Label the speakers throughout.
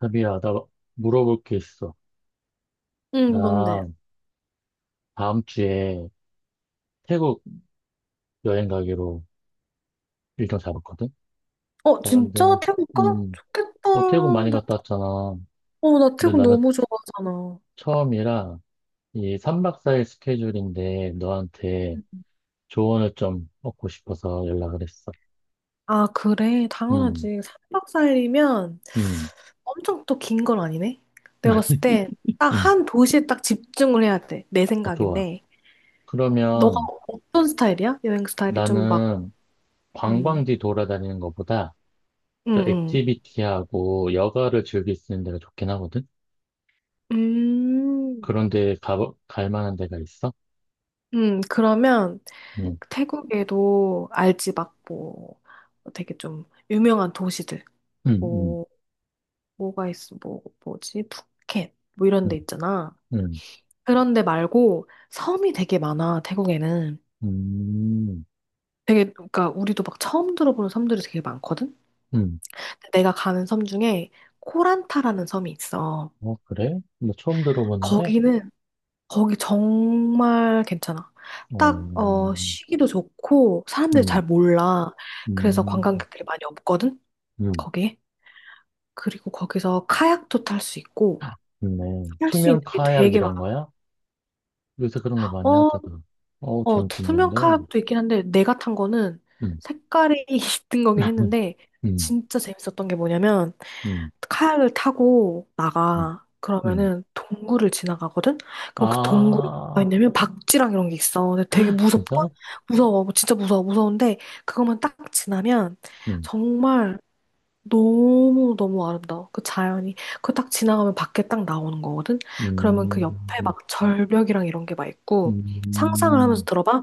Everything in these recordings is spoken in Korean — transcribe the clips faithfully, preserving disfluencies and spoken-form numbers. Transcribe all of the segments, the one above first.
Speaker 1: 자비야, 나 물어볼 게 있어.
Speaker 2: 응, 뭔데?
Speaker 1: 나 다음 주에 태국 여행 가기로 일정 잡았거든?
Speaker 2: 어,
Speaker 1: 나 근데,
Speaker 2: 진짜? 태국 가?
Speaker 1: 음,
Speaker 2: 좋겠다.
Speaker 1: 너 태국 많이
Speaker 2: 나,
Speaker 1: 갔다 왔잖아.
Speaker 2: 어, 나
Speaker 1: 근데
Speaker 2: 태국
Speaker 1: 나는
Speaker 2: 너무 좋아하잖아.
Speaker 1: 처음이라 이 삼 박 사 일 스케줄인데 너한테
Speaker 2: 음.
Speaker 1: 조언을 좀 얻고 싶어서 연락을 했어.
Speaker 2: 아, 그래.
Speaker 1: 음,
Speaker 2: 당연하지. 삼박사일이면
Speaker 1: 음,
Speaker 2: 엄청 또 긴 건 아니네? 내가 봤을 때 딱
Speaker 1: 음,
Speaker 2: 한 도시에 딱 집중을 해야 돼. 내
Speaker 1: 어, 좋아.
Speaker 2: 생각인데. 너가
Speaker 1: 그러면
Speaker 2: 어떤 스타일이야? 여행 스타일이 좀 막,
Speaker 1: 나는
Speaker 2: 음,
Speaker 1: 관광지 돌아다니는 것보다
Speaker 2: 응
Speaker 1: 저
Speaker 2: 응
Speaker 1: 액티비티하고 여가를 즐길 수 있는 데가 좋긴 하거든?
Speaker 2: 음,
Speaker 1: 그런데 가, 갈 만한 데가 있어?
Speaker 2: 음, 그러면
Speaker 1: 응,
Speaker 2: 태국에도 알지, 막 뭐, 되게 좀 유명한 도시들.
Speaker 1: 응, 응,
Speaker 2: 뭐, 뭐가 있어, 뭐, 뭐지? 푸켓, 뭐 이런
Speaker 1: 응,
Speaker 2: 데 있잖아.
Speaker 1: 응,
Speaker 2: 그런 데 말고 섬이 되게 많아, 태국에는.
Speaker 1: 음,
Speaker 2: 되게, 그러니까 우리도 막 처음 들어보는 섬들이 되게 많거든?
Speaker 1: 응.
Speaker 2: 내가 가는 섬 중에 코란타라는 섬이 있어.
Speaker 1: 어, 그래? 나 처음 들어보는데?
Speaker 2: 거기는, 거기 정말 괜찮아.
Speaker 1: 어,
Speaker 2: 딱, 어, 쉬기도 좋고, 사람들이
Speaker 1: 응
Speaker 2: 잘 몰라. 그래서
Speaker 1: 응
Speaker 2: 관광객들이 많이 없거든?
Speaker 1: 응.
Speaker 2: 거기에. 그리고 거기서 카약도 탈 수 있고,
Speaker 1: 좋네.
Speaker 2: 할 수 있는
Speaker 1: 투명
Speaker 2: 게
Speaker 1: 카약
Speaker 2: 되게 많아.
Speaker 1: 이런 거야? 요새 그런 거 많이
Speaker 2: 어,
Speaker 1: 하잖아. 어우,
Speaker 2: 어, 투명
Speaker 1: 재밌겠는데?
Speaker 2: 컵도 있긴 한데 내가 탄 거는
Speaker 1: 응
Speaker 2: 색깔이 있던 거긴 했는데
Speaker 1: 응
Speaker 2: 진짜 재밌었던 게 뭐냐면
Speaker 1: 응
Speaker 2: 카약을 타고
Speaker 1: 응
Speaker 2: 나가
Speaker 1: 응.
Speaker 2: 그러면은 동굴을 지나가거든? 그럼 그 동굴이 뭐가
Speaker 1: 아,
Speaker 2: 있냐면 박쥐랑 이런 게 있어. 근데 되게 무섭다?
Speaker 1: 진짜?
Speaker 2: 무서워. 진짜 무서워. 무서운데 그것만 딱 지나면
Speaker 1: 응.
Speaker 2: 정말 너무 너무 아름다워. 그 자연이 그 딱 지나가면 밖에 딱 나오는 거거든. 그러면
Speaker 1: 음,
Speaker 2: 그 옆에
Speaker 1: 음.
Speaker 2: 막 절벽이랑 이런 게 막 있고 상상을 하면서
Speaker 1: 음.
Speaker 2: 들어봐.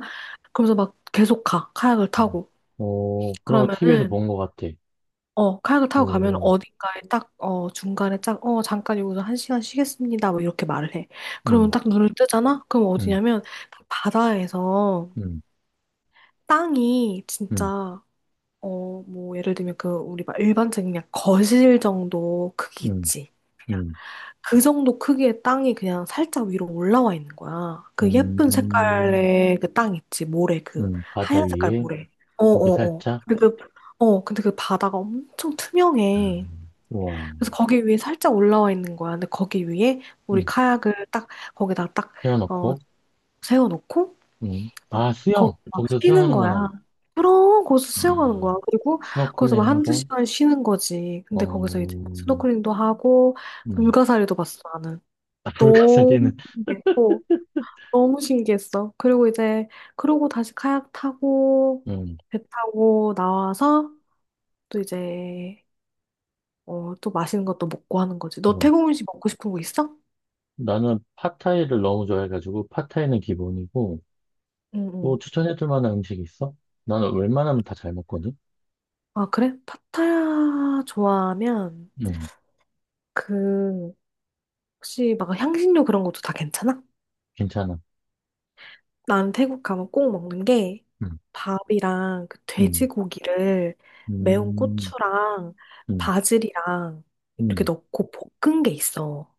Speaker 2: 그러면서 막 계속 가 카약을 타고
Speaker 1: 어, 그런 거 티비에서
Speaker 2: 그러면은
Speaker 1: 본 것 같아.
Speaker 2: 어 카약을 타고 가면
Speaker 1: 오,
Speaker 2: 어딘가에 딱 어 중간에 딱 어 잠깐 여기서 한 시간 쉬겠습니다. 뭐 이렇게 말을 해. 그러면
Speaker 1: 응
Speaker 2: 딱 눈을 뜨잖아. 그럼
Speaker 1: 응
Speaker 2: 어디냐면 그 바다에서
Speaker 1: 음,
Speaker 2: 땅이 진짜
Speaker 1: 음,
Speaker 2: 어 뭐 예를 들면 그 우리 막 일반적인 그냥 거실 정도 크기
Speaker 1: 음,
Speaker 2: 있지.
Speaker 1: 음,
Speaker 2: 그 정도 크기의 땅이 그냥 살짝 위로 올라와 있는 거야. 그 예쁜
Speaker 1: 음,
Speaker 2: 색깔의 그 땅 있지, 모래, 그
Speaker 1: 음, 바다
Speaker 2: 하얀 색깔
Speaker 1: 위에
Speaker 2: 모래. 네. 어,
Speaker 1: 고개
Speaker 2: 어, 어.
Speaker 1: 살짝,
Speaker 2: 근데 그, 어, 근데 그 바다가 엄청 투명해.
Speaker 1: 음, 우와,
Speaker 2: 그래서 거기 위에 살짝 올라와 있는 거야. 근데 거기 위에 우리
Speaker 1: 음,
Speaker 2: 카약을 딱, 거기다 딱, 어,
Speaker 1: 세워놓고,
Speaker 2: 세워놓고,
Speaker 1: 음,
Speaker 2: 막,
Speaker 1: 아,
Speaker 2: 거기
Speaker 1: 수영!
Speaker 2: 막
Speaker 1: 거기서
Speaker 2: 쉬는 거야.
Speaker 1: 수영하는구나.
Speaker 2: 그럼, 거기서 수영하는 거야.
Speaker 1: 아,
Speaker 2: 그리고 거기서 막 한두
Speaker 1: 스노클링하고,
Speaker 2: 시간 쉬는 거지. 근데 거기서 이제
Speaker 1: 어,
Speaker 2: 스노클링도 하고,
Speaker 1: 음,
Speaker 2: 불가사리도 봤어,
Speaker 1: 아,
Speaker 2: 너무
Speaker 1: 불가사리는,
Speaker 2: 신기했고, 너무 신기했어. 그리고 이제, 그러고 다시 카약 타고,
Speaker 1: 음,
Speaker 2: 배 타고 나와서, 또 이제, 어, 또 맛있는 것도 먹고 하는 거지. 너
Speaker 1: 뭐.
Speaker 2: 태국 음식 먹고 싶은 거 있어?
Speaker 1: 나는 팟타이를 너무 좋아해가지고, 팟타이는 기본이고,
Speaker 2: 응,
Speaker 1: 또
Speaker 2: 응.
Speaker 1: 추천해줄 만한 음식 있어? 나는 웬만하면 다 잘 먹거든?
Speaker 2: 아, 그래? 파타야 좋아하면,
Speaker 1: 음,
Speaker 2: 그, 혹시 막 향신료 그런 것도 다 괜찮아?
Speaker 1: 괜찮아.
Speaker 2: 나는 태국 가면 꼭 먹는 게
Speaker 1: 음,
Speaker 2: 밥이랑 그
Speaker 1: 음,
Speaker 2: 돼지고기를 매운
Speaker 1: 음,
Speaker 2: 고추랑
Speaker 1: 음.
Speaker 2: 바질이랑 이렇게
Speaker 1: 음.
Speaker 2: 넣고 볶은 게 있어.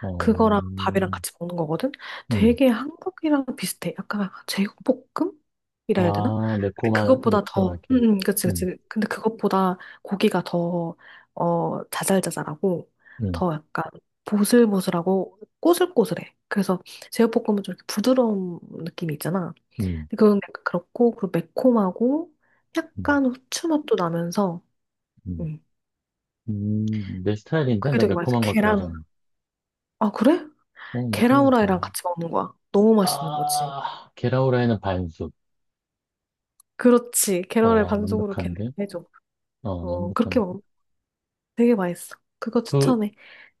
Speaker 1: 어,
Speaker 2: 그거랑 밥이랑 같이 먹는 거거든?
Speaker 1: 음.
Speaker 2: 되게 한국이랑 비슷해. 약간 제육볶음? 이라 해야 되나?
Speaker 1: 아,
Speaker 2: 근데
Speaker 1: 매콤하,
Speaker 2: 그것보다 더, 응,
Speaker 1: 매콤하게.
Speaker 2: 응, 그치,
Speaker 1: 음,
Speaker 2: 그치. 근데 그것보다 고기가 더, 어, 자잘자잘하고,
Speaker 1: 음,
Speaker 2: 더 약간 보슬보슬하고 꼬슬꼬슬해. 그래서 제육볶음은 좀 이렇게 부드러운 느낌이 있잖아.
Speaker 1: 음,
Speaker 2: 그건 약간 그렇고 그리고 매콤하고
Speaker 1: 음,
Speaker 2: 약간 후추 맛도 나면서
Speaker 1: 음.
Speaker 2: 음
Speaker 1: 음, 내 스타일인데?
Speaker 2: 그게
Speaker 1: 나
Speaker 2: 되게 맛있어.
Speaker 1: 매콤한 거
Speaker 2: 계란.
Speaker 1: 좋아하잖아.
Speaker 2: 아, 그래?
Speaker 1: 어, 매콤한
Speaker 2: 계란
Speaker 1: 거 좋아해.
Speaker 2: 후라이랑 같이 먹는 거야. 너무 맛있는 거지.
Speaker 1: 아, 계라우라에는 반숙.
Speaker 2: 그렇지. 계란을
Speaker 1: 어,
Speaker 2: 반숙으로 걔네가
Speaker 1: 완벽한데?
Speaker 2: 해줘.
Speaker 1: 어,
Speaker 2: 어, 그렇게
Speaker 1: 완벽한데?
Speaker 2: 먹으면 되게 맛있어. 그거
Speaker 1: 그,
Speaker 2: 추천해.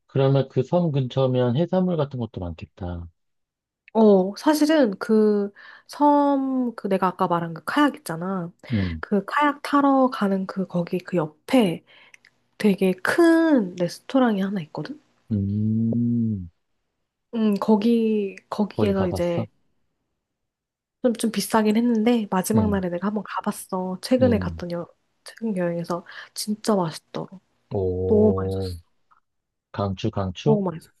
Speaker 1: 그러면 그 섬 근처면 해산물 같은 것도 많겠다.
Speaker 2: 어, 사실은 그 섬, 그 내가 아까 말한 그 카약 있잖아.
Speaker 1: 음,
Speaker 2: 그 카약 타러 가는 그 거기 그 옆에 되게 큰 레스토랑이 하나 있거든?
Speaker 1: 음,
Speaker 2: 음, 거기,
Speaker 1: 거기
Speaker 2: 거기에서 이제
Speaker 1: 가봤어?
Speaker 2: 좀, 좀 비싸긴 했는데 마지막
Speaker 1: 음,
Speaker 2: 날에 내가 한번 가봤어. 최근에
Speaker 1: 음,
Speaker 2: 갔던 여, 최근 여행에서 진짜 맛있더라. 너무
Speaker 1: 오,
Speaker 2: 맛있었어.
Speaker 1: 강추, 강추?
Speaker 2: 너무 맛있었어.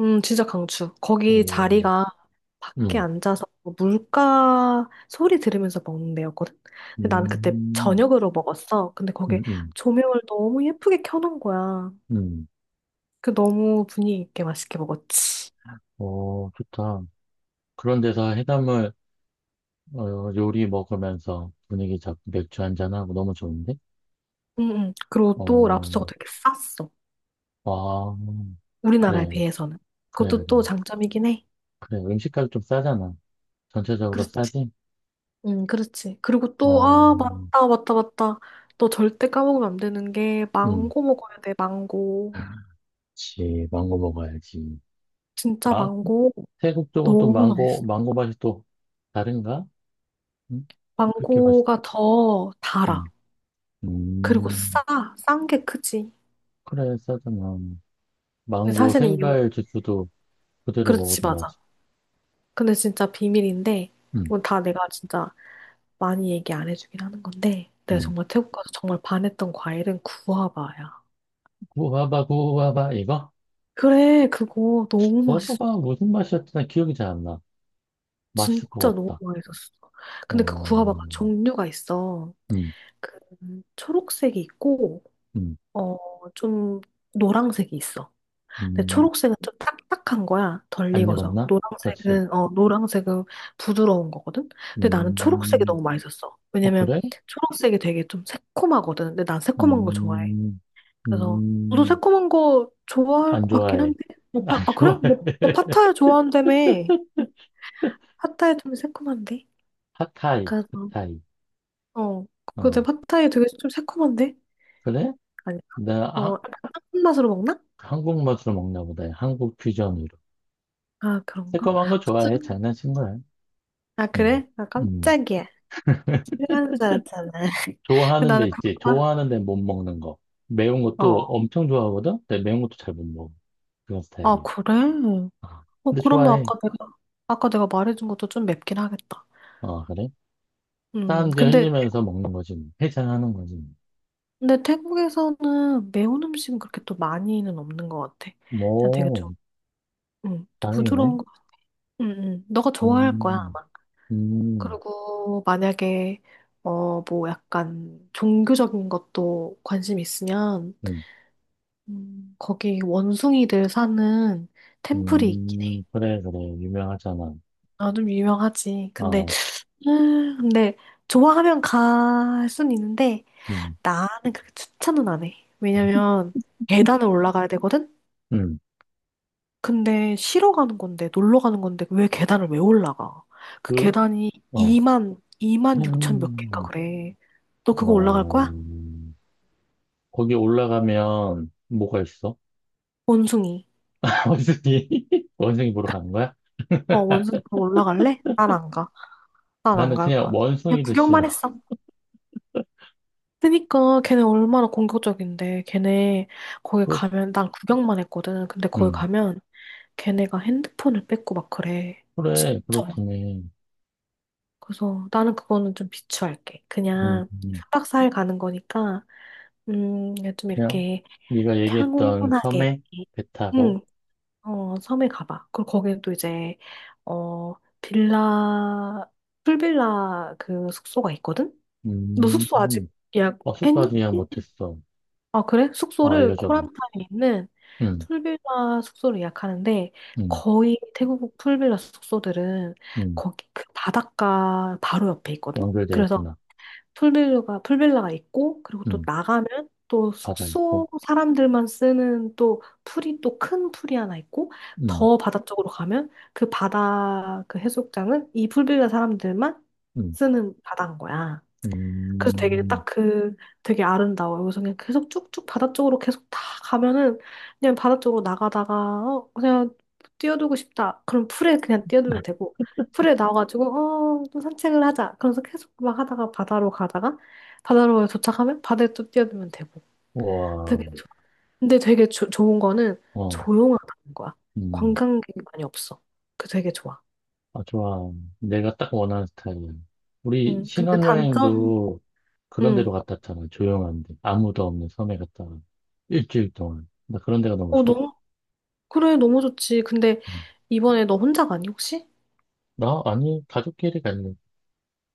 Speaker 2: 음, 진짜 강추. 거기
Speaker 1: 오,
Speaker 2: 자리가 밖에
Speaker 1: 음,
Speaker 2: 앉아서 물가 소리 들으면서 먹는 데였거든. 근데 나는 그때
Speaker 1: 음,
Speaker 2: 저녁으로 먹었어. 근데 거기
Speaker 1: 음, 음.
Speaker 2: 조명을 너무 예쁘게 켜놓은 거야.
Speaker 1: 음,
Speaker 2: 그 너무 분위기 있게 맛있게 먹었지.
Speaker 1: 어, 좋다. 그런 데서 해산물 어, 요리 먹으면서 분위기 잡고 맥주 한 잔하고 너무 좋은데?
Speaker 2: 응, 응. 그리고 또
Speaker 1: 어,
Speaker 2: 랍스터가 되게 쌌어.
Speaker 1: 와,
Speaker 2: 우리나라에
Speaker 1: 그래,
Speaker 2: 비해서는.
Speaker 1: 그래, 그래.
Speaker 2: 그것도 또 장점이긴 해.
Speaker 1: 그래, 음식값 좀 싸잖아. 전체적으로
Speaker 2: 그렇지.
Speaker 1: 싸지?
Speaker 2: 응 그렇지. 그리고 또,
Speaker 1: 어,
Speaker 2: 아, 맞다, 맞다, 맞다. 너 절대 까먹으면 안 되는 게,
Speaker 1: 음,
Speaker 2: 망고 먹어야 돼, 망고.
Speaker 1: 그치. 망고 먹어야지.
Speaker 2: 진짜
Speaker 1: 마,
Speaker 2: 망고.
Speaker 1: 태국 쪽은 또
Speaker 2: 너무
Speaker 1: 망고,
Speaker 2: 맛있어.
Speaker 1: 망고 맛이 또 다른가? 응? 그렇게 맛있,
Speaker 2: 망고가 더
Speaker 1: 음,
Speaker 2: 달아. 그리고
Speaker 1: 음,
Speaker 2: 싸. 싼 게 크지.
Speaker 1: 그래, 싸잖아.
Speaker 2: 근데
Speaker 1: 망고
Speaker 2: 사실은 이건,
Speaker 1: 생과일 주스도 그대로
Speaker 2: 그렇지,
Speaker 1: 먹어도
Speaker 2: 맞아.
Speaker 1: 맛있어.
Speaker 2: 근데 진짜 비밀인데, 이건 다 내가 진짜 많이 얘기 안 해주긴 하는 건데, 내가
Speaker 1: 음.
Speaker 2: 정말 태국 가서 정말 반했던 과일은 구아바야.
Speaker 1: 구워봐, 구워봐, 이거?
Speaker 2: 그래, 그거 너무 맛있어.
Speaker 1: 구워봐봐, 무슨 맛이었지? 나 기억이 잘 안 나.
Speaker 2: 진짜
Speaker 1: 맛있을 것
Speaker 2: 너무
Speaker 1: 같다.
Speaker 2: 맛있었어. 근데 그 구아바가
Speaker 1: 음,
Speaker 2: 종류가 있어.
Speaker 1: 음,
Speaker 2: 그 초록색이 있고
Speaker 1: 음,
Speaker 2: 어 좀 노랑색이 있어. 근데
Speaker 1: 음.
Speaker 2: 초록색은 좀 딱딱한 거야. 덜
Speaker 1: 안
Speaker 2: 익어서.
Speaker 1: 익었나? 그렇지.
Speaker 2: 노랑색은 어 노랑색은 부드러운 거거든. 근데 나는 초록색이
Speaker 1: 음,
Speaker 2: 너무 맛있었어.
Speaker 1: 어,
Speaker 2: 왜냐면
Speaker 1: 그래?
Speaker 2: 초록색이 되게 좀 새콤하거든. 근데 난 새콤한 거 좋아해.
Speaker 1: 음,
Speaker 2: 그래서 너도
Speaker 1: 음,
Speaker 2: 새콤한 거 좋아할
Speaker 1: 안
Speaker 2: 것 같긴
Speaker 1: 좋아해.
Speaker 2: 한데. 너 파, 아 그래?
Speaker 1: 좋아해.
Speaker 2: 너, 너 파타야 좋아한다며. 응, 파타야 좀 새콤한데.
Speaker 1: 핫타이,
Speaker 2: 그래서
Speaker 1: 핫타이.
Speaker 2: 어, 근데
Speaker 1: 어,
Speaker 2: 팟타이 되게 좀 새콤한데?
Speaker 1: 그래?
Speaker 2: 아니,
Speaker 1: 나,
Speaker 2: 어,
Speaker 1: 아,
Speaker 2: 약간 한 맛으로 먹나?
Speaker 1: 한국 맛으로 먹나 보다. 한국 퓨전으로.
Speaker 2: 아, 그런가?
Speaker 1: 새콤한 거
Speaker 2: 무슨,
Speaker 1: 좋아해. 장난친 거야.
Speaker 2: 아,
Speaker 1: 음,
Speaker 2: 그래? 아,
Speaker 1: 음.
Speaker 2: 깜짝이야. 싫어하는 줄 알았잖아. 근데
Speaker 1: 좋아하는 데
Speaker 2: 나는 그
Speaker 1: 있지.
Speaker 2: 거가
Speaker 1: 좋아하는 데 못 먹는 거. 매운
Speaker 2: 어,
Speaker 1: 것도 엄청 좋아하거든? 근데 매운 것도 잘 못 먹어. 그런
Speaker 2: 아,
Speaker 1: 스타일이야.
Speaker 2: 그래?
Speaker 1: 아,
Speaker 2: 어,
Speaker 1: 근데
Speaker 2: 그러면
Speaker 1: 좋아해.
Speaker 2: 아까 내가, 아까 내가 말해준 것도 좀 맵긴 하겠다.
Speaker 1: 아, 그래?
Speaker 2: 음,
Speaker 1: 땀 이제
Speaker 2: 근데,
Speaker 1: 흘리면서 먹는 거지. 뭐. 해장하는 거지.
Speaker 2: 근데 태국에서는 매운 음식은 그렇게 또 많이는 없는 것 같아.
Speaker 1: 뭐,
Speaker 2: 그냥 되게 좀,
Speaker 1: 뭐,
Speaker 2: 음,
Speaker 1: 다행이네.
Speaker 2: 부드러운 거. 음, 음. 너가 좋아할 거야,
Speaker 1: 음,
Speaker 2: 아마.
Speaker 1: 음,
Speaker 2: 그리고 만약에 어 뭐 약간 종교적인 것도 관심 있으면
Speaker 1: 음,
Speaker 2: 음. 거기 원숭이들 사는 템플이 있긴
Speaker 1: 음,
Speaker 2: 해.
Speaker 1: 그래, 그래. 유명하잖아.
Speaker 2: 아, 좀 유명하지. 근데
Speaker 1: 아,
Speaker 2: 음, 근데 좋아하면 갈 순 있는데
Speaker 1: 음,
Speaker 2: 나는 그렇게 추천은 안 해. 왜냐면 계단을 올라가야 되거든.
Speaker 1: 음,
Speaker 2: 근데 쉬러 가는 건데 놀러 가는 건데 왜 계단을 왜 올라가? 그
Speaker 1: 그,
Speaker 2: 계단이
Speaker 1: 어,
Speaker 2: 이만 이만 육천 몇 개인가
Speaker 1: 음,
Speaker 2: 그래. 너 그거
Speaker 1: 와,
Speaker 2: 올라갈 거야?
Speaker 1: 거기 올라가면 뭐가 있어?
Speaker 2: 원숭이.
Speaker 1: 원숭이, 원숭이 보러 가는 거야?
Speaker 2: 어, 원숭이 그 올라갈래? 난 안 가. 난 안
Speaker 1: 나는
Speaker 2: 갈
Speaker 1: 그냥
Speaker 2: 거야. 그냥
Speaker 1: 원숭이도
Speaker 2: 구경만
Speaker 1: 싫어.
Speaker 2: 했어. 그니까 걔네 얼마나 공격적인데. 걔네 거기
Speaker 1: 그렇,
Speaker 2: 가면 난 구경만 했거든. 근데 거기
Speaker 1: 음.
Speaker 2: 가면 걔네가 핸드폰을 뺏고 막 그래. 진짜
Speaker 1: 그래, 그렇다네.
Speaker 2: 그래서 나는 그거는 좀 비추할게.
Speaker 1: 음,
Speaker 2: 그냥
Speaker 1: 음.
Speaker 2: 삼박사일 가는 거니까 음, 좀
Speaker 1: 그냥,
Speaker 2: 이렇게
Speaker 1: 네가 얘기했던
Speaker 2: 평온하게,
Speaker 1: 섬에 배 타고,
Speaker 2: 응, 어, 섬에 가봐. 그리고 거기에 또 이제, 어, 빌라, 풀빌라 그 숙소가 있거든? 너
Speaker 1: 음,
Speaker 2: 숙소
Speaker 1: 음.
Speaker 2: 아직
Speaker 1: 버스까지
Speaker 2: 예약했니?
Speaker 1: 그냥 못했어.
Speaker 2: 아, 그래?
Speaker 1: 어,
Speaker 2: 숙소를
Speaker 1: 알려줘봐.
Speaker 2: 코란타에 있는
Speaker 1: 음,
Speaker 2: 풀빌라 숙소를 예약하는데
Speaker 1: 음,
Speaker 2: 거의 태국 풀빌라 숙소들은
Speaker 1: 음.
Speaker 2: 거기 그 바닷가 바로 옆에 있거든?
Speaker 1: 연결돼
Speaker 2: 그래서
Speaker 1: 있구나.
Speaker 2: 풀빌라가 풀빌라가 있고 그리고 또
Speaker 1: 음,
Speaker 2: 나가면 또
Speaker 1: 바다 있고,
Speaker 2: 숙소 사람들만 쓰는 또 풀이 또 큰 풀이 하나 있고
Speaker 1: 음,
Speaker 2: 더 바다 쪽으로 가면 그 바다 그 해수욕장은 이 풀빌라 사람들만
Speaker 1: 음,
Speaker 2: 쓰는 바다인 거야. 그래서 되게
Speaker 1: 음.
Speaker 2: 딱 그, 되게 아름다워요. 그래서 그냥 계속 쭉쭉 바다 쪽으로 계속 다 가면은 그냥 바다 쪽으로 나가다가 어, 그냥 뛰어들고 싶다. 그럼 풀에 그냥 뛰어들면 되고 풀에 나와가지고 어, 좀 산책을 하자. 그래서 계속 막 하다가 바다로 가다가 바다로 도착하면 바다에 또 뛰어들면 되고
Speaker 1: 와,
Speaker 2: 되게 좋- 근데 되게 조, 좋은 거는
Speaker 1: 어,
Speaker 2: 조용하다는 거야.
Speaker 1: 음.
Speaker 2: 관광객이 많이 없어. 그 되게 좋아.
Speaker 1: 아, 좋아. 내가 딱 원하는 스타일이야. 우리
Speaker 2: 음, 근데 단점,
Speaker 1: 신혼여행도 그런
Speaker 2: 음,
Speaker 1: 데로 갔다 왔잖아. 조용한데. 아무도 없는 섬에 갔다 와. 일주일 동안. 나 그런 데가 너무
Speaker 2: 어,
Speaker 1: 좋아.
Speaker 2: 너무 그래, 너무 좋지. 근데
Speaker 1: 음.
Speaker 2: 이번에 너 혼자 가니, 혹시?
Speaker 1: 나? 아니, 가족끼리 갈래.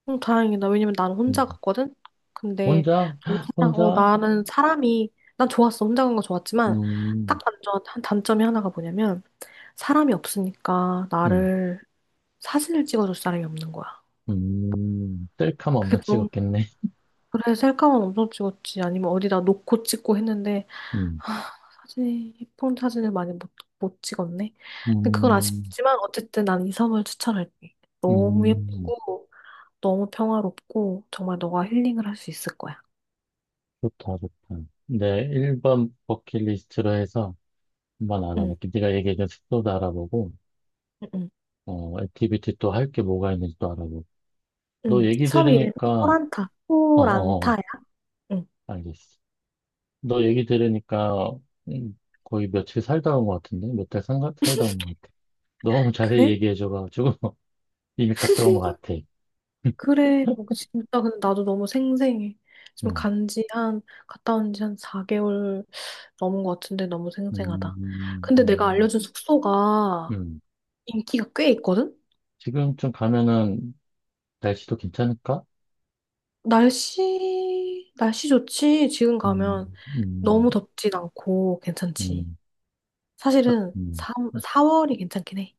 Speaker 2: 응, 다행이다. 왜냐면 나는
Speaker 1: 음.
Speaker 2: 혼자 갔거든? 근데,
Speaker 1: 혼자?
Speaker 2: 너무 사랑- 어,
Speaker 1: 혼자?
Speaker 2: 나는 사람이, 난 좋았어. 혼자 간 거 좋았지만, 딱
Speaker 1: 음,
Speaker 2: 단점, 한 단점이 하나가 뭐냐면, 사람이 없으니까
Speaker 1: 음,
Speaker 2: 나를 사진을 찍어줄 사람이 없는 거야.
Speaker 1: 음. 셀카만
Speaker 2: 그게
Speaker 1: 엄청
Speaker 2: 좀,
Speaker 1: 찍었겠네.
Speaker 2: 그래, 셀카만 엄청 찍었지. 아니면 어디다 놓고 찍고 했는데,
Speaker 1: 음,
Speaker 2: 아, 사진이, 예쁜 사진을 많이 못, 못 찍었네. 근데 그건
Speaker 1: 음,
Speaker 2: 아쉽지만, 어쨌든 난 이 섬을 추천할게. 너무
Speaker 1: 음.
Speaker 2: 예쁘고, 너무 평화롭고 정말 너가 힐링을 할 수 있을 거야.
Speaker 1: 좋다, 좋다. 내 일 번 버킷리스트로 해서 한번
Speaker 2: 응,
Speaker 1: 알아볼게. 네가 얘기해준 숙소도 알아보고.
Speaker 2: 응, 응.
Speaker 1: 어, 액티비티 또 할 게 뭐가 있는지 또 알아보고. 너
Speaker 2: 응.
Speaker 1: 얘기
Speaker 2: 섬 그래. 이름이
Speaker 1: 들으니까,
Speaker 2: 코란타.
Speaker 1: 어, 어, 어,
Speaker 2: 코란타야? 응.
Speaker 1: 알겠어. 너 얘기 들으니까, 음, 거의 며칠 살다 온 것 같은데? 몇 달 살다 온 것 같아. 너무 자세히
Speaker 2: 그래?
Speaker 1: 얘기해줘가지고, 이미 갔다 온 것 같아.
Speaker 2: 그래. 어, 진짜 근데 나도 너무 생생해. 지금
Speaker 1: 음,
Speaker 2: 간지 한 갔다 온지 한 사 개월 넘은 것 같은데 너무 생생하다.
Speaker 1: 음,
Speaker 2: 근데 내가
Speaker 1: 음,
Speaker 2: 알려준 숙소가
Speaker 1: 음.
Speaker 2: 인기가 꽤 있거든?
Speaker 1: 지금쯤 가면은 날씨도 괜찮을까?
Speaker 2: 날씨, 날씨 좋지? 지금
Speaker 1: 음,
Speaker 2: 가면
Speaker 1: 음,
Speaker 2: 너무 덥진 않고 괜찮지.
Speaker 1: 음,
Speaker 2: 사실은
Speaker 1: 음.
Speaker 2: 삼, 사월이 괜찮긴 해.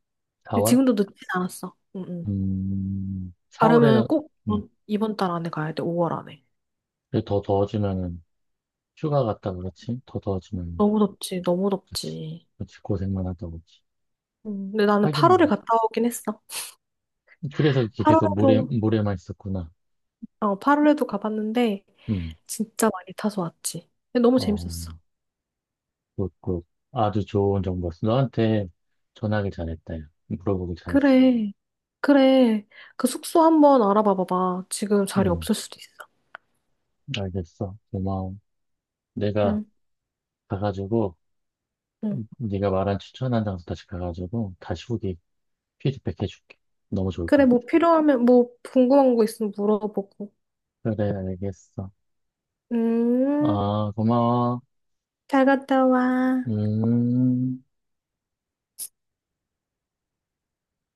Speaker 2: 근데
Speaker 1: 사월?
Speaker 2: 지금도 늦진 않았어. 응, 응.
Speaker 1: 음,
Speaker 2: 가려면
Speaker 1: 사월에는,
Speaker 2: 꼭
Speaker 1: 음,
Speaker 2: 이번, 이번 달 안에 가야 돼, 오월 안에.
Speaker 1: 근데 더 더워지면은, 휴가 갔다 그렇지? 더 더워지면.
Speaker 2: 너무 덥지, 너무
Speaker 1: 그치.
Speaker 2: 덥지.
Speaker 1: 그치. 고생만 하다 오지.
Speaker 2: 음, 근데 나는 팔월에
Speaker 1: 하긴,
Speaker 2: 갔다 오긴 했어.
Speaker 1: 그래서 이렇게 계속 모래,
Speaker 2: 8월에도,
Speaker 1: 모래만 있었구나.
Speaker 2: 어, 8월에도 가봤는데,
Speaker 1: 음,
Speaker 2: 진짜 많이 타서 왔지. 근데 너무
Speaker 1: 어,
Speaker 2: 재밌었어.
Speaker 1: 굿, 굿. 아주 좋은 정보였어. 너한테 전화하길 잘했다. 야. 물어보길 잘했어.
Speaker 2: 그래, 그래. 그 숙소 한번 알아봐 봐봐. 지금 자리
Speaker 1: 음,
Speaker 2: 없을 수도 있어.
Speaker 1: 알겠어. 고마워. 내가
Speaker 2: 응,
Speaker 1: 가가지고,
Speaker 2: 응.
Speaker 1: 음, 네가 말한 추천한 장소 다시 가가지고, 다시 후기 피드백 해줄게. 너무 좋을 것
Speaker 2: 그래,
Speaker 1: 같아.
Speaker 2: 뭐 필요하면, 뭐 궁금한 거 있으면 물어보고.
Speaker 1: 그래, 알겠어.
Speaker 2: 음,
Speaker 1: 아, 고마워.
Speaker 2: 잘 갔다 와.
Speaker 1: 음.